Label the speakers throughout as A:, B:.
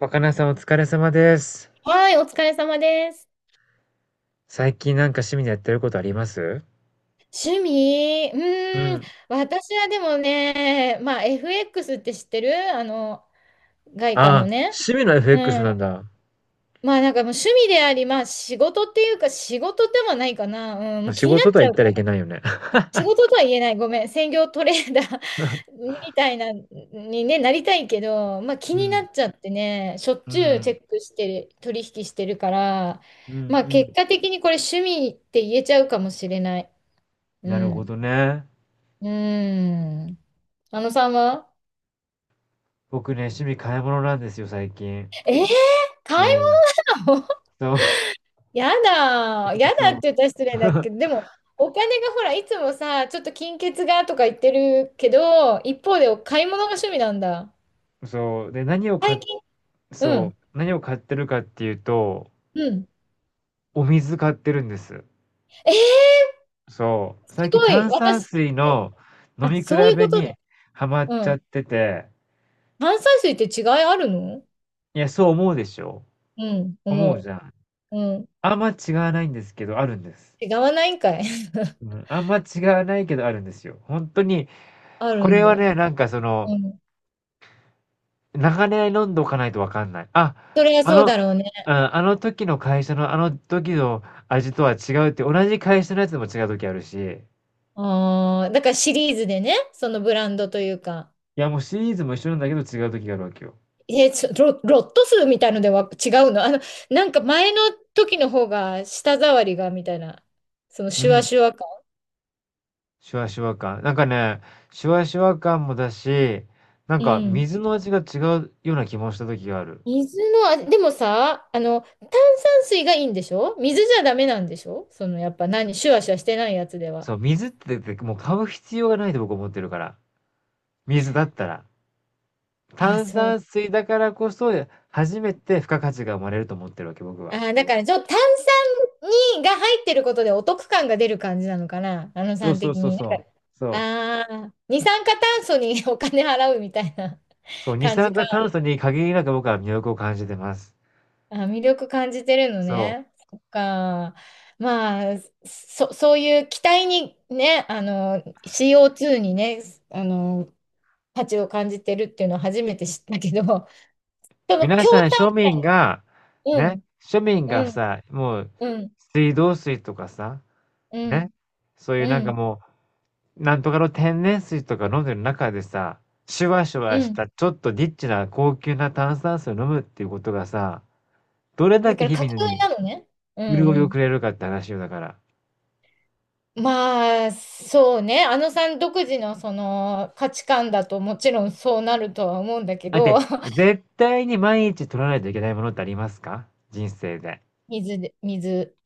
A: 若菜さんお疲れ様です。
B: はい、お疲れ様です。
A: 最近なんか趣味でやってることあります？
B: 趣味、
A: うん、
B: 私はでもね、まあ FX って知ってるあの、外貨
A: あ
B: の
A: あ、
B: ね。
A: 趣味の
B: う
A: FX
B: ん。
A: なんだ。
B: まあなんかもう趣味であり、まあ仕事っていうか仕事ではないかな。うん、
A: ま
B: も
A: あ
B: う
A: 仕
B: 気になっ
A: 事とは
B: ちゃ
A: 言っ
B: うか
A: たらいけ
B: ら。
A: ないよね。
B: 仕事とは言えない。ごめん。専業トレーダー みたいな、にね、なりたいけど、まあ気
A: う
B: にな
A: ん、
B: っちゃってね、しょっ
A: う
B: ちゅうチ
A: ん、
B: ェックしてる、取引してるから、
A: うん、う
B: まあ結
A: ん。
B: 果的にこれ趣味って言えちゃうかもしれない。う
A: なるほ
B: ん。
A: どね。
B: うーん。あのさんは
A: 僕ね、趣味買い物なんですよ、最近。
B: えー、買
A: う
B: い
A: ん。
B: 物
A: そう。
B: やだー。やだっ
A: そう。
B: て言ったら失礼だ けど、でも、お金がほら、いつもさ、ちょっと金欠がとか言ってるけど、一方で買い物が趣味なんだ。
A: そう。で、何を買っ、
B: 最近、う
A: そう。
B: ん、
A: 何を買ってるかっていうと、
B: うん。
A: お水買ってるんです。
B: えー、
A: そう。
B: す
A: 最近
B: ごい。
A: 炭酸
B: 私、
A: 水の飲
B: あ、
A: み比
B: そういう
A: べ
B: ことね。
A: にハマっち
B: う
A: ゃっ
B: ん。
A: てて、
B: 炭酸水って違いあるの、
A: いや、そう思うでしょ？
B: うん、
A: 思う
B: 思
A: じゃん。
B: う。うん。
A: あんま違わないんですけど、あるんです。
B: 違わないんかい。
A: う ん、あんま違わないけどあるんですよ。ほんとに、
B: あ
A: こ
B: るん
A: れは
B: だ。
A: ね、なんかその、
B: うん。
A: 長年飲んどかないとわかんない。
B: それは
A: あ
B: そう
A: のうん、
B: だろうね。
A: あの時の会社のあの時の味とは違うって、同じ会社のやつでも違う時あるし、
B: ああ、だからシリーズでね、そのブランドというか、
A: いや、もうシリーズも一緒なんだけど違う時があるわけよ。
B: えー、ちょロ、ロット数みたいのでは違うのあの、なんか前の時の方が舌触りがみたいな、その
A: う
B: シュワ
A: ん、
B: シュワ感。
A: シュワシュワ感。なんかね、シュワシュワ感もだし、なん
B: う
A: か
B: ん。
A: 水の味が違うような気もした時がある。
B: 水の、あでもさ、あの、炭酸水がいいんでしょ水じゃダメなんでしょその、やっぱ何、シュワシュワしてないやつでは。
A: そう、水ってだってもう買う必要がないと僕思ってるから。水だったら。
B: あ、
A: 炭
B: そう。
A: 酸水だからこそ、初めて付加価値が生まれると思ってるわけ、僕は。
B: あ、だからちょっと炭酸にが入ってることでお得感が出る感じなのかな、あの
A: そ
B: さ
A: う
B: ん
A: そう
B: 的
A: そう
B: に。
A: そう。そう。
B: ああ、二酸化炭素に お金払うみたいな
A: そう、二
B: 感じ
A: 酸
B: か。
A: 化炭 素に限りなく僕は魅力を感じてます。
B: あ、魅力感じてるの
A: そ
B: ね。そっか。まあ、そ、そういう期待にね、あの、CO2 にね、あの、価値を感じてるっていうのは初めて知ったけど、そ
A: う。
B: の
A: 皆
B: 強
A: さん庶民が、
B: 炭、う
A: ね、
B: ん、
A: 庶民が
B: うん、
A: さ、もう、
B: うん、
A: 水道水とかさ、
B: う
A: ね、
B: ん、
A: そういうな
B: う
A: んか
B: ん、
A: もうなんとかの天然水とか飲んでる中でさ、シュワシュ
B: う
A: ワし
B: ん。
A: たちょっとリッチな高級な炭酸水を飲むっていうことがさ、どれだ
B: だ
A: け
B: から
A: 日
B: 架
A: 々に
B: 空なのね。うん、
A: 潤い
B: う
A: をく
B: ん。
A: れるかって話よだから。
B: まあ、そうね。あのさん独自のその価値観だともちろんそうなるとは思うんだけ
A: だっ
B: ど、
A: て、絶対に毎日取らないといけないものってありますか、人生で？
B: 水で、水、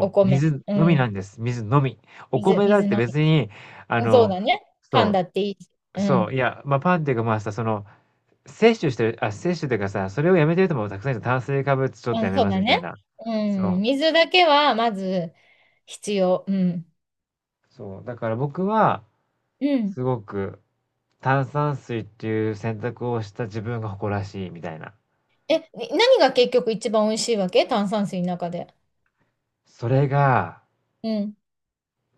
B: お
A: う、
B: 米、
A: 水
B: う
A: のみな
B: ん。
A: んです。水のみ。お
B: 水、
A: 米だ
B: 水
A: って
B: 飲
A: 別に、あ
B: み。そう
A: の、
B: だね。噛ん
A: そ
B: だっていいし。
A: う、
B: う
A: そ
B: ん。
A: う、いや、まあ、パンっていうかまあさ、その、摂取してる、あ、摂取っていうかさ、それをやめてる人もたくさんいる炭水化物ちょっ
B: う
A: と
B: ん、
A: やめ
B: そう
A: ます
B: だ
A: みたい
B: ね。
A: な。
B: う
A: そ
B: ん。
A: う。
B: 水だけはまず必要。うん。
A: そう、だから僕は、
B: うん。
A: すごく炭酸水っていう選択をした自分が誇らしいみたいな。
B: え、に何が結局一番美味しいわけ炭酸水の中で。
A: それが、
B: うん。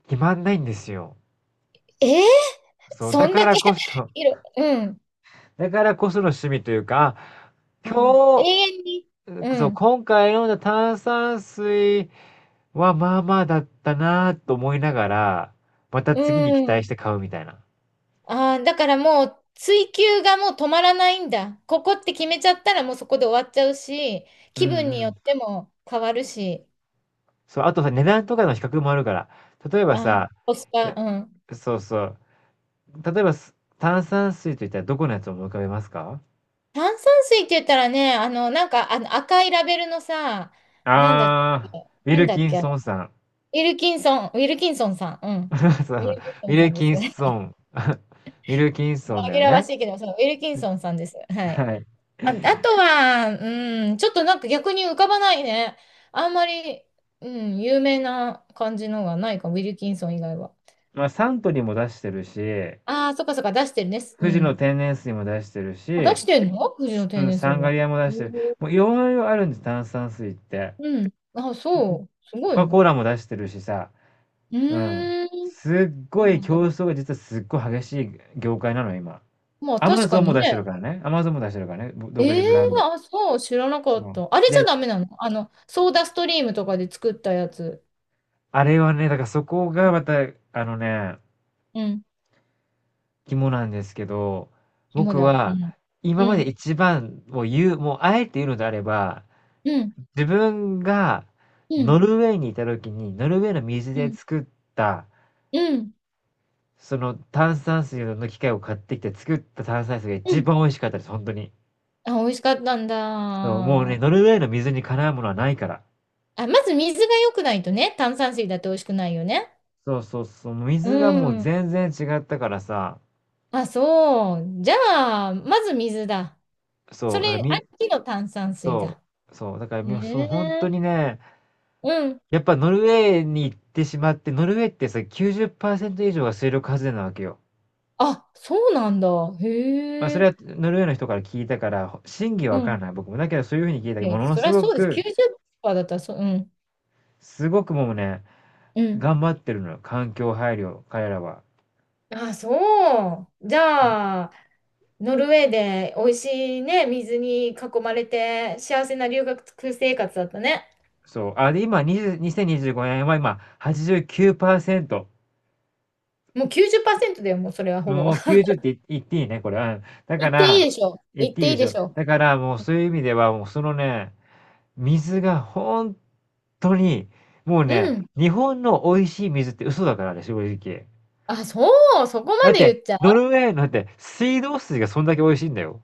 A: 決まんないんですよ。
B: えー、
A: そう、
B: そんだけ いる。うん。
A: だからこその趣味というか、あ
B: あー、永
A: 今日、
B: 遠に。う
A: そう、
B: ん。
A: 今回飲んだ炭酸水はまあまあだったなと思いながら、また
B: う
A: 次に期待し
B: ん。
A: て買うみたいな。
B: ああ、だからもう追求がもう止まらないんだ。ここって決めちゃったらもうそこで終わっちゃうし、
A: う
B: 気
A: ん
B: 分
A: う
B: によ
A: ん。
B: っても変わるし、
A: そう、あとさ、値段とかの比較もあるから、例えば
B: あー、
A: さ、
B: コス
A: い
B: パ、
A: や、
B: うん。
A: そうそう、例えば、炭酸水といったらどこのやつを思い浮かべますか？
B: 炭酸水って言ったらね、あの、なんかあの赤いラベルのさ、なんだっけ、
A: ああ、ウィ
B: なん
A: ル
B: だ
A: キ
B: っ
A: ン
B: け、ウ
A: ソンさん。
B: ィルキンソン、ウィルキンソンさん、うん。
A: そう
B: ウィ
A: そう、
B: ルキン
A: ウ
B: ソ
A: ィ
B: ンさ
A: ル
B: んで
A: キ
B: す。
A: ンソ ン。ウィルキンソンだ
B: 紛
A: よ
B: らわ
A: ね。
B: しいけど、そう、ウィルキンソンさんです。は
A: は
B: い。
A: い。
B: あ、あとは、うん、ちょっとなんか逆に浮かばないね。あんまり、うん、有名な感じのがないかウィルキンソン以外は。
A: まあ、サントリーも出してるし、
B: ああ、そっかそっか、出してるね。う
A: 富士の
B: ん。
A: 天然水も出してる
B: あ、出
A: し、
B: してんの藤野
A: すう
B: 天
A: ん、
B: 然水
A: サンガ
B: も。
A: リアも出
B: へ
A: してる。
B: ー、
A: もういろいろあるんです、炭酸水って。
B: うん。あ、
A: ココ
B: そう。す
A: コ
B: ごい
A: カ・コ
B: ね。
A: ーラも出してるしさ、
B: う
A: うん。
B: ーん。
A: すっ
B: そ
A: ご
B: う
A: い
B: なんだ。
A: 競争が実はすっごい激しい業界なの、今。
B: まあ、
A: アマ
B: 確か
A: ゾンも
B: に
A: 出してる
B: ね。
A: からね。アマゾンも出してるからね。独
B: え
A: 自
B: え、
A: ブランド。
B: あ、そう、知らなか
A: そ
B: っ
A: う。
B: た。あれじゃ
A: で、
B: ダメなのあの、ソーダストリームとかで作ったやつ。
A: あれはね、だからそこがまた、あのね、
B: うん。
A: 肝なんですけど、
B: 紐
A: 僕
B: だ。う
A: は
B: ん。
A: 今
B: う
A: まで
B: ん。
A: 一番を言う、もうあえて言うのであれば、
B: うん。
A: 自分が
B: う
A: ノ
B: ん。
A: ルウェーにいた時に、ノルウェーの水
B: う
A: で
B: ん。
A: 作った、
B: うん。
A: その炭酸水の機械を買ってきて作った炭酸水が
B: う
A: 一
B: ん。
A: 番美味しかったです、本当に。
B: あ、美味しかったんだ。
A: そう、もうね、
B: あ、
A: ノルウェーの水にかなうものはないから。
B: まず水が良くないとね、炭酸水だって美味しくないよね。
A: そうそうそう、もう水がも
B: う
A: う
B: ん。
A: 全然違ったからさ、
B: あ、そう。じゃあ、まず水だ。そ
A: そう、だから
B: れ、ありきの炭酸水
A: そ
B: だ。
A: う、そう、だから
B: へ
A: そう本当
B: え。
A: にね、
B: うん。
A: やっぱノルウェーに行ってしまって、ノルウェーってさ、90%以上が水力発電なわけよ。
B: あ、そうなんだ。
A: まあ、そ
B: へ
A: れ
B: え。
A: はノルウェーの人から聞いたから、真偽は
B: う
A: わから
B: ん。
A: ない、僕も。だけどそういう風に聞いたけ
B: い
A: ど、も
B: や、
A: の
B: そり
A: す
B: ゃ
A: ご
B: そうです。
A: く、
B: 90%だったら、そう、うん。
A: すごくもうね、
B: うん。
A: 頑張ってるのよ、環境配慮、彼らは。
B: あ、そう。じゃあ、ノルウェーで美味しいね、水に囲まれて幸せな留学生活だったね。
A: そう。あ、で、今、20、2 5年は今、89%。
B: もう90%だよ、もうそれはほぼ。
A: もう90って言っていいね、これ。うん。だか
B: 言っていい
A: ら、
B: でしょ。
A: 言っ
B: 言っ
A: ていい
B: てい
A: で
B: い
A: し
B: で
A: ょ。
B: しょ。
A: だから、もうそういう意味では、もうそのね、水がほんとに、もう
B: う
A: ね、
B: ん。
A: 日本の美味しい水って嘘だからね、正直。
B: あ、そう、そこ
A: だ
B: ま
A: っ
B: で
A: て、
B: 言っちゃ
A: ノルウェーなんて水道水がそんだけ美味しいんだよ。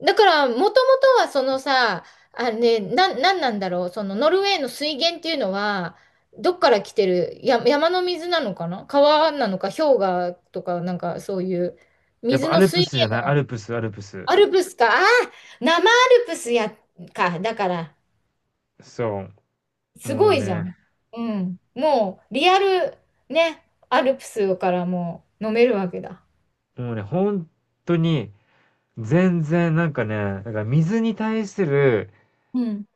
B: う。だから、もともとはそのさ、あね、な、なんなんだろう、そのノルウェーの水源っていうのは、どっから来てる、や、山の水なのかな川なのか、氷河とか、なんかそういう、
A: やっ
B: 水
A: ぱア
B: の
A: ルプ
B: 水
A: スじゃ
B: 源、
A: ない、アルプスアルプス。
B: アルプスか、あー、生アルプスや、か、だから、
A: そう。
B: す
A: も
B: ご
A: う
B: いじゃ
A: ね、
B: ん。うん。もう、リアル、ね、アルプスからもう飲めるわけだ。
A: もうね、ほんとに全然なんかね、なんか水に対する、
B: うん。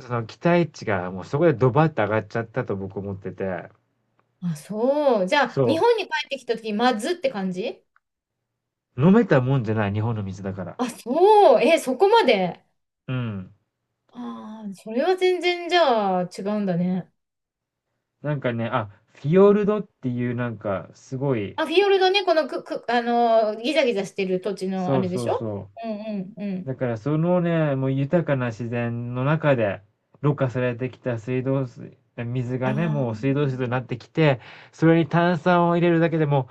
A: その期待値がもうそこでドバッと上がっちゃったと僕思ってて。
B: あ、そう。じゃあ、日
A: そ
B: 本に帰ってきた時まずって感じ。
A: う、飲めたもんじゃない、日本の水だから。
B: あ、そう。え、そこまで。
A: うん。
B: ああ、それは全然じゃあ違うんだね。
A: なんかね、あ、フィ
B: う
A: ヨ
B: ん、
A: ルドっていうなんかすごい、
B: あ、フィヨルドね、このく、く、あのーギザギザしてる土地のあ
A: そう
B: れで
A: そ
B: し
A: う
B: ょ。
A: そ
B: うんうんう
A: う。
B: ん。
A: だからそのね、もう豊かな自然の中で、ろ過されてきた水道水、水がね、もう水
B: あ
A: 道水となってきて、それに炭酸を入れるだけでも、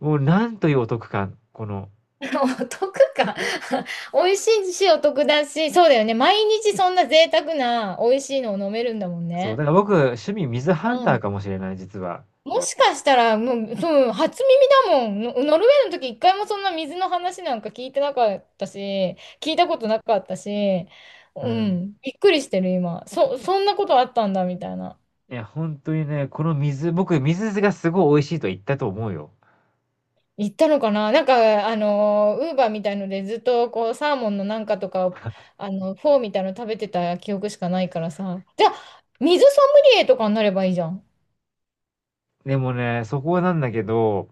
A: もうなんというお得感、この。
B: お得か 美味しいしお得だし、そうだよね。毎日そんな贅沢な美味しいのを飲めるんだもん
A: そう、だ
B: ね。
A: から僕、趣味水ハン
B: う
A: ター
B: ん。
A: かもしれない、実は。
B: もしかしたら、もう、そう、初耳だもん。のノルウェーの時一回もそんな水の話なんか聞いてなかったし、聞いたことなかったし、
A: う
B: う
A: ん。
B: ん。びっくりしてる、今。そ、そんなことあったんだ、みたいな。
A: いや、本当にね、この水、僕、水がすごい美味しいと言ったと思うよ。
B: 行ったのかななんか、あの、ウーバーみたいのでずっとこう、サーモンのなんかとかを、あの、フォーみたいの食べてた記憶しかないからさ。じゃあ、水ソムリエとかになればいいじゃん。
A: でもね、そこなんだけど、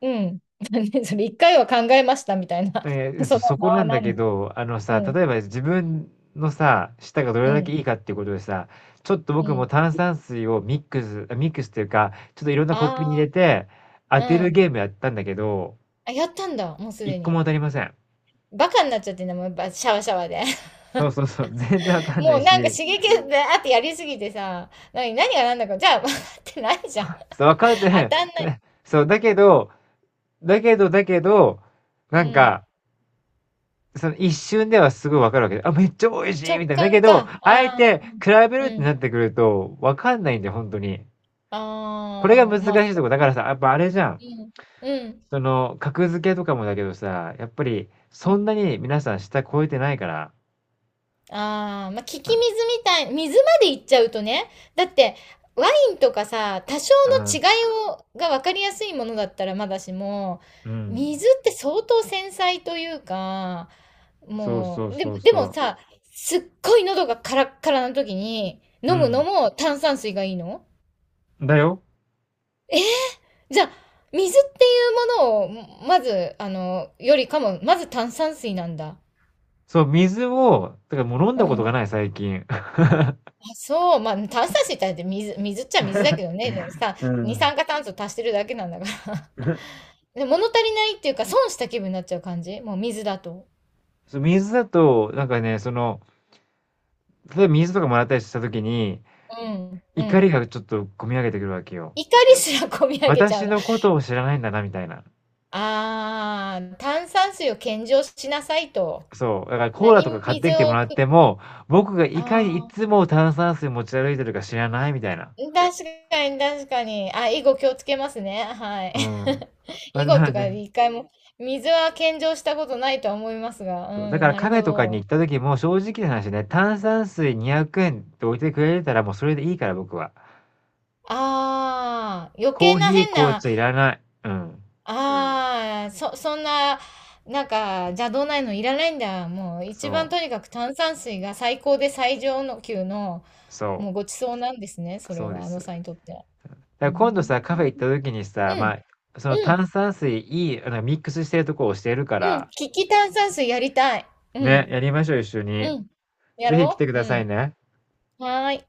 B: うん。ねそれ、一回は考えましたみたいな。その名は何なん、
A: あのさ、
B: うん、
A: 例えば自分のさ、舌がど
B: う
A: れだけ
B: ん、
A: いいかっていうことでさ、ちょっと
B: う
A: 僕も
B: ん。
A: 炭酸水をミックスっていうか、ちょっといろんなコップに入
B: あ
A: れて当て
B: あ、う
A: る
B: ん。
A: ゲームやったんだけど、
B: あ、やったんだ、もうす
A: 一
B: で
A: 個
B: に。
A: も当たりません。
B: バカになっちゃってんだもん、やっぱシャワシャワで。
A: そうそうそう、全然わ かんな
B: も
A: い
B: うなんか
A: し、
B: 刺激であってやりすぎてさ、何、何が何だか、じゃあ、ってないじゃん。
A: そう、わかってな
B: 当
A: い。
B: たんない。
A: ねそう、だけど、
B: う
A: なん
B: ん。
A: か、その一瞬ではすごいわかるわけで、あ、めっちゃ美味し
B: 直
A: いみたいな。だけ
B: 感
A: ど、
B: か。あ
A: あえ
B: あ、う
A: て
B: ん。
A: 比べるっ
B: う
A: て
B: ん。
A: なってくると、わかんないんだよ、本当に。これが
B: あ
A: 難
B: あ、
A: し
B: まあ、
A: い
B: そ
A: と
B: う。
A: こ、だからさ、やっぱあれじゃん。
B: うん。うん。
A: その、格付けとかもだけどさ、やっぱり、そ
B: う
A: ん
B: ん。
A: なに皆さん下超えてないから。
B: ああ、まあ、聞き水
A: う
B: み
A: ん、
B: たい、水まで行っちゃうとね。だって、ワインとかさ、多少
A: う
B: の違
A: ん、
B: いを、が分かりやすいものだったらまだしも、
A: うん。
B: 水って相当繊細というか、
A: そう
B: も
A: そう
B: う、でも、
A: そう
B: でも
A: そ
B: さ、すっごい喉がカラッカラな時に、
A: う。う
B: 飲むの
A: ん。
B: も炭酸水がいいの。
A: だよ。
B: じゃあ、水っていうものを、まず、あの、よりかも、まず炭酸水なんだ。
A: そう、水を、だからもう飲ん
B: う
A: だこと
B: ん。
A: がない、最近。
B: あ、そう、まあ、炭酸水ってだって水、水っちゃ水だけどね、でもさ、
A: う
B: 二
A: ん。
B: 酸化炭素足してるだけなんだから。で、物足りないっていうか、損した気分になっちゃう感じもう水だと。
A: そう、水だと、なんかね、その、例えば水とかもらったりした時に、
B: うん、う
A: 怒り
B: ん。
A: がちょっと込み上げてくるわけよ。
B: 怒りすらこみ上げちゃう
A: 私
B: の。
A: のことを知らないんだな、みたいな。
B: あー、炭酸水を献上しなさいと。
A: そう、だからコーラとか
B: 何
A: 買っ
B: 水
A: てきて
B: を
A: もらっ
B: 送っ、
A: ても、僕がいかにい
B: あ
A: つも炭酸水持ち歩いてるか知らないみたいな。
B: 確かに、確かに。あ、以後気をつけますね。はい。
A: うん。まあ、
B: 以後っ
A: ま
B: てい
A: あ
B: うか、
A: ね。
B: 一回も、水は献上したことないとは思いますが、う
A: そう、だか
B: ん、
A: ら
B: な
A: カ
B: る
A: フ
B: ほ
A: ェとかに
B: ど。
A: 行った時も正直な話ね、炭酸水200円って置いてくれてたらもうそれでいいから僕は。
B: ああ、余
A: コ
B: 計
A: ー
B: な
A: ヒー、
B: 変
A: 紅
B: な、
A: 茶いらない。うん。
B: ああ、そ、そんな、なんか、邪道ないのいらないんだ。もう、一番
A: そう、
B: とにかく炭酸水が最高で最上の級の、
A: そ
B: もうごちそうなんですね。
A: う、
B: それ
A: そうで
B: は、あ
A: す。
B: の
A: だ
B: さ
A: か
B: んにとって。うー
A: ら今度さ、カフェ
B: ん、
A: 行った時にさ、
B: うん、
A: まあ、その
B: うん、
A: 炭酸水あのミックスしてるとこを教えるか
B: うん。
A: ら、
B: 利き炭酸水やりたい。う
A: ね、
B: ん。
A: やりましょう一緒
B: う
A: に。
B: ん。や
A: ぜひ来て
B: ろ
A: く
B: うう
A: ださい
B: ん。
A: ね。
B: はーい。